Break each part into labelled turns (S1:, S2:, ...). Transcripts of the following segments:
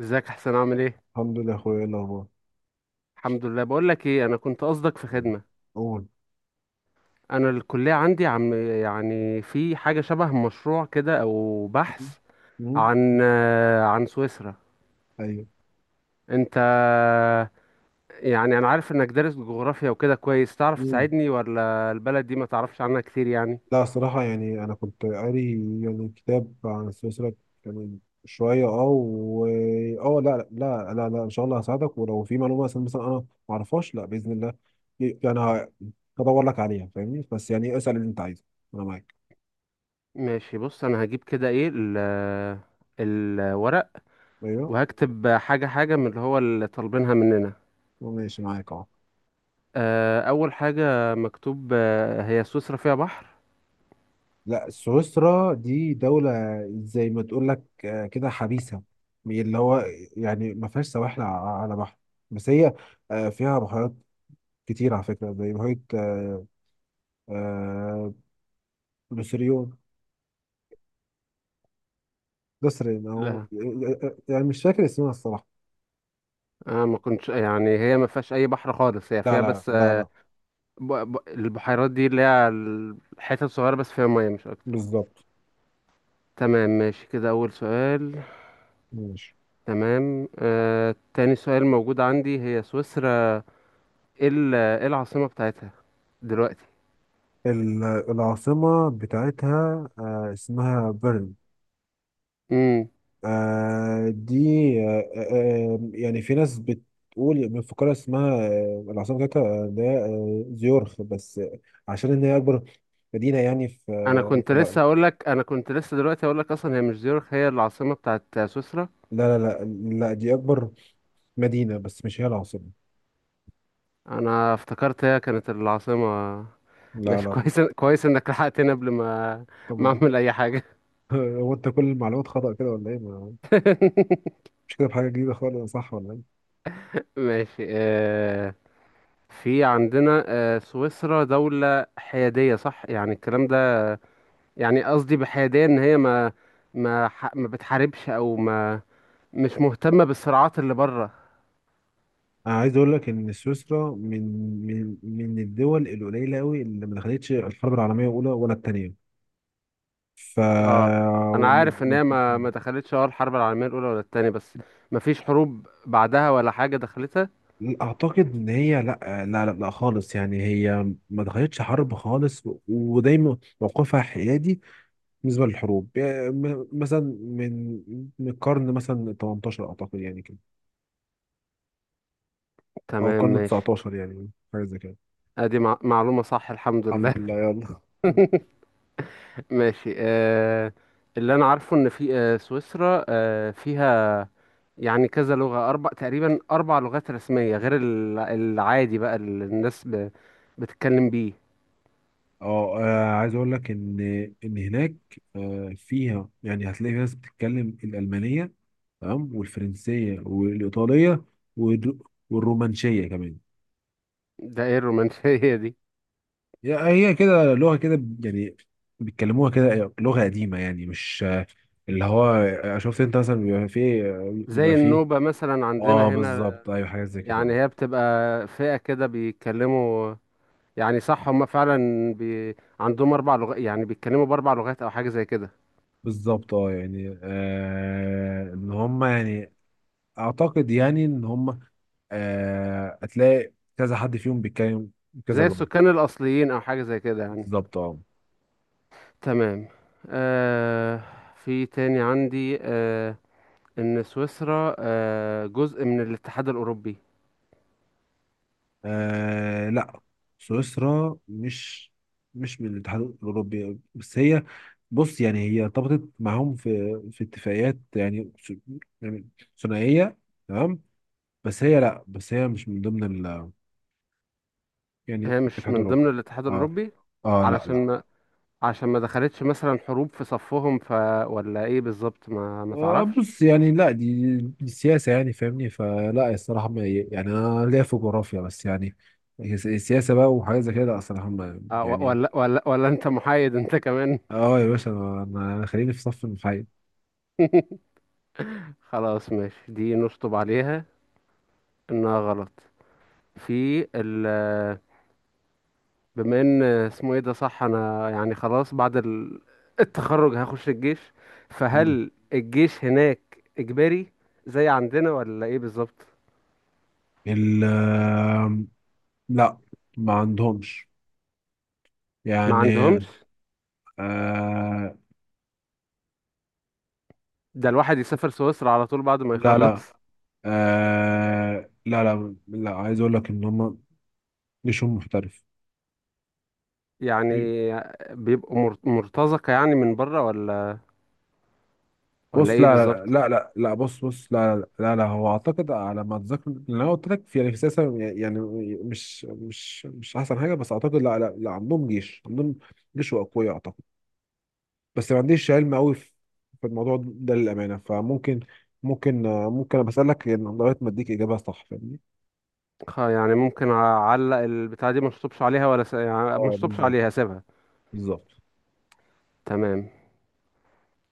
S1: ازيك؟ احسن؟ عامل ايه؟
S2: الحمد لله يا اخويا، ايه الاخبار؟
S1: الحمد لله. بقول لك ايه، انا كنت قصدك في
S2: مم.
S1: خدمه.
S2: قول.
S1: انا الكليه عندي، عم يعني في حاجه شبه مشروع كده او
S2: مم.
S1: بحث
S2: مم.
S1: عن سويسرا.
S2: ايوه.
S1: انت يعني انا عارف انك دارس جغرافيا وكده كويس، تعرف
S2: مم.
S1: تساعدني؟ ولا البلد دي ما تعرفش عنها كتير يعني؟
S2: لا الصراحه يعني انا كنت قاري يعني كتاب عن السلسله، يعني شويه و اه لا لا لا لا، ان شاء الله هساعدك، ولو في معلومه مثلا انا ما اعرفهاش، لا باذن الله يعني هدور لك عليها، فاهمني؟ بس يعني اسال اللي انت عايزه، انا معاك.
S1: ماشي، بص، انا هجيب كده ايه الورق،
S2: ايوه،
S1: وهكتب حاجه حاجه من اللي هو اللي طالبينها مننا.
S2: ماشي معاك اهو.
S1: اول حاجه مكتوب، هي سويسرا فيها بحر؟
S2: لا سويسرا دي دولة، زي ما تقول لك كده حبيسة، اللي هو يعني ما فيهاش سواحل على بحر، بس هي فيها بحيرات كتير على فكرة، زي بحيرة آه، لوسيريون، لوسيرين أو
S1: لا،
S2: يعني مش فاكر اسمها الصراحة.
S1: انا ما كنتش يعني، هي ما فيهاش اي بحر خالص، هي
S2: لا
S1: فيها
S2: لا
S1: بس
S2: لا لا،
S1: البحيرات دي اللي هي الحتت صغيره بس فيها ميه، مش اكتر.
S2: بالظبط.
S1: تمام، ماشي كده اول سؤال.
S2: ماشي.
S1: تمام، تاني سؤال موجود عندي، هي سويسرا ايه ايه العاصمه بتاعتها دلوقتي؟
S2: العاصمة بتاعتها اسمها بيرن.
S1: امم.
S2: آه دي يعني في ناس بتقول من فقرة اسمها آه العاصمة بتاعتها ده آه زيورخ، بس آه عشان إن هي أكبر مدينة يعني في
S1: انا كنت
S2: في
S1: لسه اقول لك، انا كنت لسه دلوقتي اقول لك اصلا هي مش زيورخ، هي العاصمه بتاعت سويسرا.
S2: لا لا لا لا، دي أكبر مدينة بس مش هي العاصمة.
S1: انا افتكرت هي كانت العاصمه.
S2: لا
S1: ماشي،
S2: لا.
S1: كويس كويس انك لحقتني قبل ما
S2: طب.
S1: اعمل اي حاجه.
S2: هو أنت كل المعلومات خطأ كده ولا إيه؟ مش كده بحاجة جديدة خالص، صح ولا إيه؟
S1: ماشي. في عندنا سويسرا دولة حيادية، صح يعني الكلام ده؟ يعني قصدي بحيادية ان هي ما ما بتحاربش، او ما مش مهتمة بالصراعات اللي بره.
S2: أنا عايز أقول لك إن سويسرا من من الدول القليلة أوي اللي ما دخلتش الحرب العالمية الأولى ولا التانية. ف
S1: اه، انا عارف ان هي ما دخلتش اه الحرب العالمية الاولى ولا التانية، بس ما فيش حروب بعدها ولا حاجة دخلتها؟
S2: اعتقد ان هي لا لا خالص، يعني هي ما دخلتش حرب خالص ودايما موقفها حيادي بالنسبه للحروب، يعني مثلا من من القرن مثلا 18 اعتقد، يعني كده او
S1: تمام
S2: القرن
S1: ماشي.
S2: 19، يعني حاجه زي كده.
S1: ادي معلومة صح، الحمد
S2: الحمد
S1: لله.
S2: لله يلا.
S1: ماشي. اللي انا عارفه ان في سويسرا، فيها يعني كذا لغة، أربع تقريبا، أربع لغات رسمية غير العادي بقى اللي الناس بتتكلم بيه.
S2: اه عايز اقول لك ان هناك فيها، يعني هتلاقي في ناس بتتكلم الالمانيه، تمام؟ والفرنسيه والايطاليه والر- والرومانشيه كمان.
S1: ده ايه الرومانسية دي؟
S2: هي كده لغة كده يعني، بيتكلموها كده، لغة قديمة يعني، مش اللي هو آه، شفت انت مثلا بيبقى
S1: زي
S2: فيه.
S1: النوبة مثلا
S2: اه
S1: عندنا هنا.
S2: بالظبط، ايوه حاجات زي
S1: يعني
S2: كده.
S1: هي بتبقى فئة كده بيتكلموا. يعني صح، هما فعلا عندهم أربع لغات، يعني بيتكلموا بأربع لغات أو حاجة زي كده.
S2: بالظبط اه، يعني آه ان هم يعني اعتقد يعني ان هم آه هتلاقي كذا حد فيهم بيتكلم كذا
S1: زي
S2: لغة.
S1: السكان الأصليين أو حاجة زي كده يعني.
S2: بالظبط اه.
S1: تمام. آه في تاني عندي، إن سويسرا جزء من الاتحاد الأوروبي.
S2: آه لا، سويسرا مش من الاتحاد الأوروبي، بس هي بص يعني هي ارتبطت معاهم في اتفاقيات يعني يعني ثنائية، تمام؟ بس هي لا، بس هي مش من ضمن ال يعني
S1: هي مش
S2: الاتحاد
S1: من
S2: الأوروبي.
S1: ضمن الاتحاد
S2: اه.
S1: الأوروبي
S2: اه لا لا.
S1: علشان ما عشان ما دخلتش مثلا حروب في صفهم، ف ولا ايه بالظبط، ما
S2: آه
S1: تعرفش؟
S2: بص يعني لا دي السياسة يعني، فاهمني؟ فلا الصراحة ما يعني، أنا ليا في جغرافيا بس يعني، السياسة بقى وحاجات زي كده لا الصراحة يعني.
S1: ولا انت محايد انت كمان؟
S2: اه يا باشا، انا أنا خليني في صف المحايد.
S1: خلاص ماشي، دي نشطب عليها انها غلط. في ال بما ان اسمه ايه ده، صح، انا يعني خلاص بعد التخرج هخش الجيش،
S2: مم.
S1: فهل الجيش هناك اجباري زي عندنا، ولا ايه بالظبط؟
S2: ال لا، ما عندهمش
S1: ما
S2: يعني.
S1: عندهمش؟
S2: آه.
S1: ده الواحد يسافر سويسرا على طول بعد ما
S2: لا
S1: يخلص.
S2: لا. آه لا لا لا، عايز اقول لك ان هم جيشهم محترف.
S1: يعني بيبقوا مرتزقة يعني من بره، ولا
S2: بص
S1: ايه
S2: لا لا
S1: بالظبط؟
S2: لا لا لا، بص بص لا، هو اعتقد على ما اتذكر اللي انا قلت لك، في يعني في سياسه يعني، مش احسن حاجه، بس اعتقد لا لا لا، عندهم جيش، عندهم جيش واقوياء، بس ما عنديش علم قوي في الموضوع ده للأمانة، فممكن آه، ممكن أنا بسألك يعني لغاية ما أديك إجابة صح، فاهمني؟
S1: يعني ممكن اعلق البتاعة دي، ما اشطبش عليها، ولا يعني ما
S2: اه
S1: اشطبش
S2: بالظبط،
S1: عليها اسيبها؟
S2: بالظبط.
S1: تمام.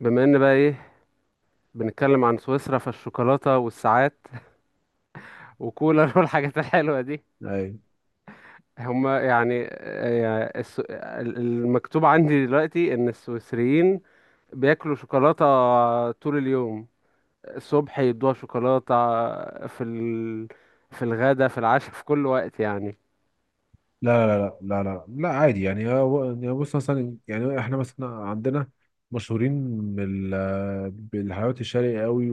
S1: بما ان بقى ايه، بنتكلم عن سويسرا، فالشوكولاتة والساعات وكولا والحاجات الحلوة دي.
S2: أي.
S1: هما يعني، المكتوب عندي دلوقتي ان السويسريين بياكلوا شوكولاتة طول اليوم، الصبح يدوها شوكولاتة في في الغدا، في العشاء، في كل وقت يعني؟
S2: لا لا لا لا لا لا، عادي يعني، يعني بص، مثلا يعني إحنا مثلا عندنا مشهورين بال بالحلويات الشرقي قوي،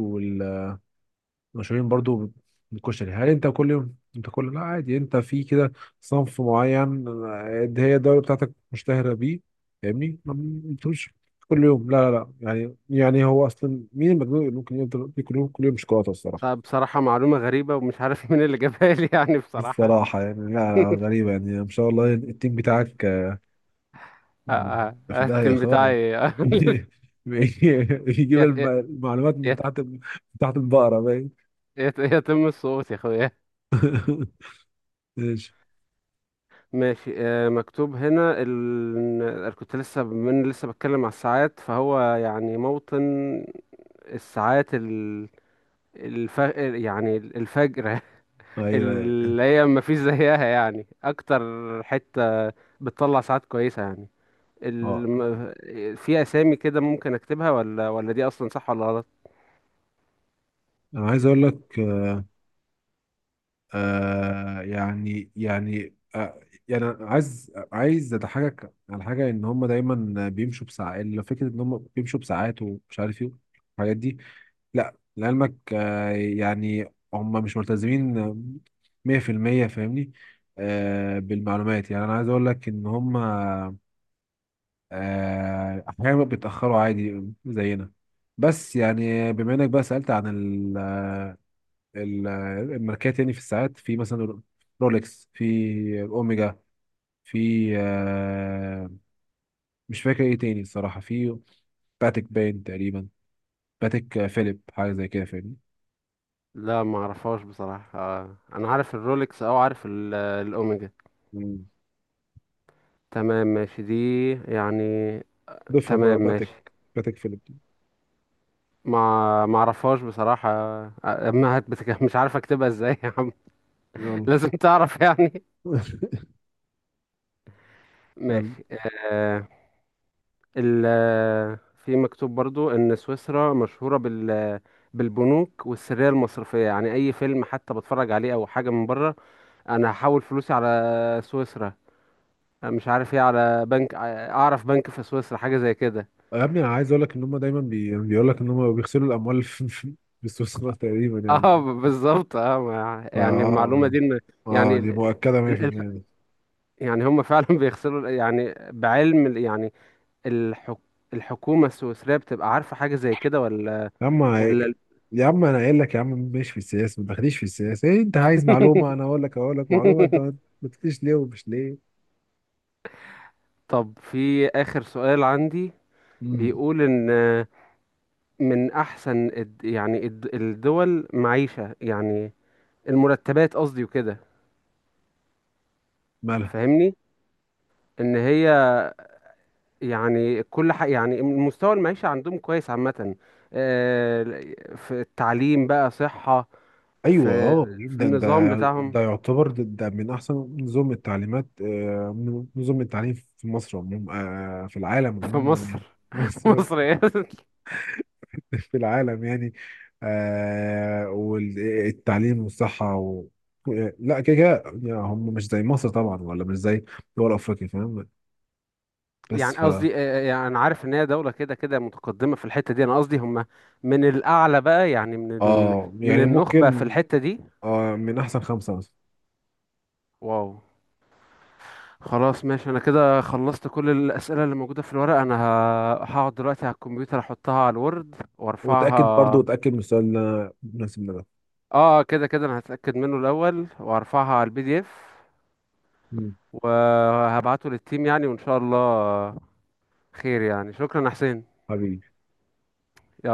S2: مشهورين برضو بالكشري، هل انت كل يوم انت كل لا عادي، انت في كده صنف معين ده هي الدولة بتاعتك مشتهرة بيه، فاهمني؟ ما بتقولش كل يوم، لا لا لا يعني، يعني هو اصلا مين المجنون اللي ممكن يفضل ياكل كل يوم كل يوم شوكولاتة الصراحة؟
S1: بصراحة معلومة غريبة، ومش عارف مين اللي جابها لي يعني بصراحة.
S2: الصراحة يعني لا لا، غريبة يعني، ما شاء الله التيم بتاعك في داهية
S1: التيم
S2: خالص.
S1: بتاعي!
S2: يجيب
S1: يت- يت-
S2: المعلومات من
S1: يت-
S2: تحت، من تحت البقرة باين.
S1: يتم السقوط يا اخويا.
S2: ماشي.
S1: ماشي. مكتوب هنا أنا كنت لسه، من لسه بتكلم على الساعات، فهو يعني موطن الساعات الف... يعني الفجرة.
S2: ايوه
S1: اللي هي ما فيش زيها يعني، اكتر حتة بتطلع ساعات كويسة يعني.
S2: اه
S1: الم... في اسامي كده ممكن اكتبها، ولا ولا دي اصلا صح ولا غلط؟
S2: انا عايز اقول لك يعني يعني أنا عايز اضحكك على حاجه، ان هم دايما بيمشوا بساعات لو فكره ان هم بيمشوا بساعات ومش عارف ايه الحاجات دي، لا لعلمك آه يعني هم مش ملتزمين 100%، فاهمني؟ آه بالمعلومات يعني، انا عايز اقول لك ان هم آه احيانا بيتاخروا عادي زينا. بس يعني بما انك بقى سالت عن ال- الماركات يعني في الساعات، في مثلا رولكس، في اوميجا، في مش فاكر ايه تاني الصراحة، في باتيك باين تقريبا، باتيك فيليب، حاجة زي كده فاهمني.
S1: لا، ما اعرفهاش بصراحة. انا عارف الرولكس، او عارف الاوميجا.
S2: مم.
S1: تمام ماشي دي يعني.
S2: ضيفها بقى
S1: تمام
S2: باتيك.
S1: ماشي.
S2: باتيك فيليب دي.
S1: ما اعرفهاش بصراحة، آه، ما هت بتك... مش عارف اكتبها ازاي يا عم.
S2: يلا.
S1: لازم تعرف يعني.
S2: يلا.
S1: ماشي. آه ال آه، في مكتوب برضو ان سويسرا مشهورة بالبنوك والسرية المصرفية. يعني اي فيلم حتى بتفرج عليه او حاجة من بره، انا هحول فلوسي على سويسرا، مش عارف ايه، على بنك، اعرف بنك في سويسرا حاجه زي كده.
S2: يا ابني انا عايز اقول لك ان هم دايما بيقول لك ان هم بيغسلوا الاموال في في السويس غلط تقريبا
S1: اه،
S2: يعني.
S1: بالظبط. اه،
S2: فا
S1: يعني المعلومه
S2: اه،
S1: دي يعني
S2: دي مؤكدة
S1: ال- ال-
S2: 100%.
S1: يعني هم فعلا بيغسلوا يعني بعلم يعني الحك الحكومه السويسريه بتبقى عارفه حاجه زي كده،
S2: يا عم،
S1: ولا
S2: يا عم انا قايل لك يا عم مش في السياسه، ما تاخديش في السياسه، إيه انت عايز معلومه انا اقول لك، اقول لك معلومه، انت ما ما تقوليش ليه ومش ليه.
S1: طب، في اخر سؤال عندي،
S2: امم.
S1: بيقول ان من احسن يعني الدول معيشه يعني، المرتبات قصدي وكده
S2: مالها؟
S1: فاهمني، ان هي يعني كل حاجة، يعني مستوى المعيشة عندهم كويس عامة. آه، في التعليم بقى، صحة،
S2: ايوه
S1: في
S2: اه
S1: في
S2: جدا، ده
S1: النظام بتاعهم
S2: ده من احسن نظم التعليمات نظم التعليم في مصر عموما، في العالم
S1: في
S2: عموما يعني.
S1: مصر.
S2: مصر
S1: مصر إيه؟
S2: في العالم يعني، والتعليم والصحه و... لا كده كده يعني هم مش زي مصر طبعا، ولا مش زي دول افريقيا، فاهم؟ بس
S1: يعني قصدي، يعني أنا عارف إن هي دولة كده كده متقدمة في الحتة دي. أنا قصدي هم من الأعلى بقى، يعني من
S2: اه
S1: من
S2: يعني
S1: النخبة في
S2: ممكن
S1: الحتة دي.
S2: آه من احسن خمسة مثلا.
S1: واو. خلاص ماشي، أنا كده خلصت كل الأسئلة اللي موجودة في الورق. أنا هقعد دلوقتي على الكمبيوتر، أحطها على الوورد
S2: وتأكد برضو،
S1: وأرفعها.
S2: وتأكد من السؤال اللي مناسب لنا
S1: اه، كده كده انا هتأكد منه الاول، وارفعها على PDF
S2: ده.
S1: وهبعته للتيم يعني، وان شاء الله خير يعني. شكرا يا حسين.
S2: حبيبي.
S1: يلا.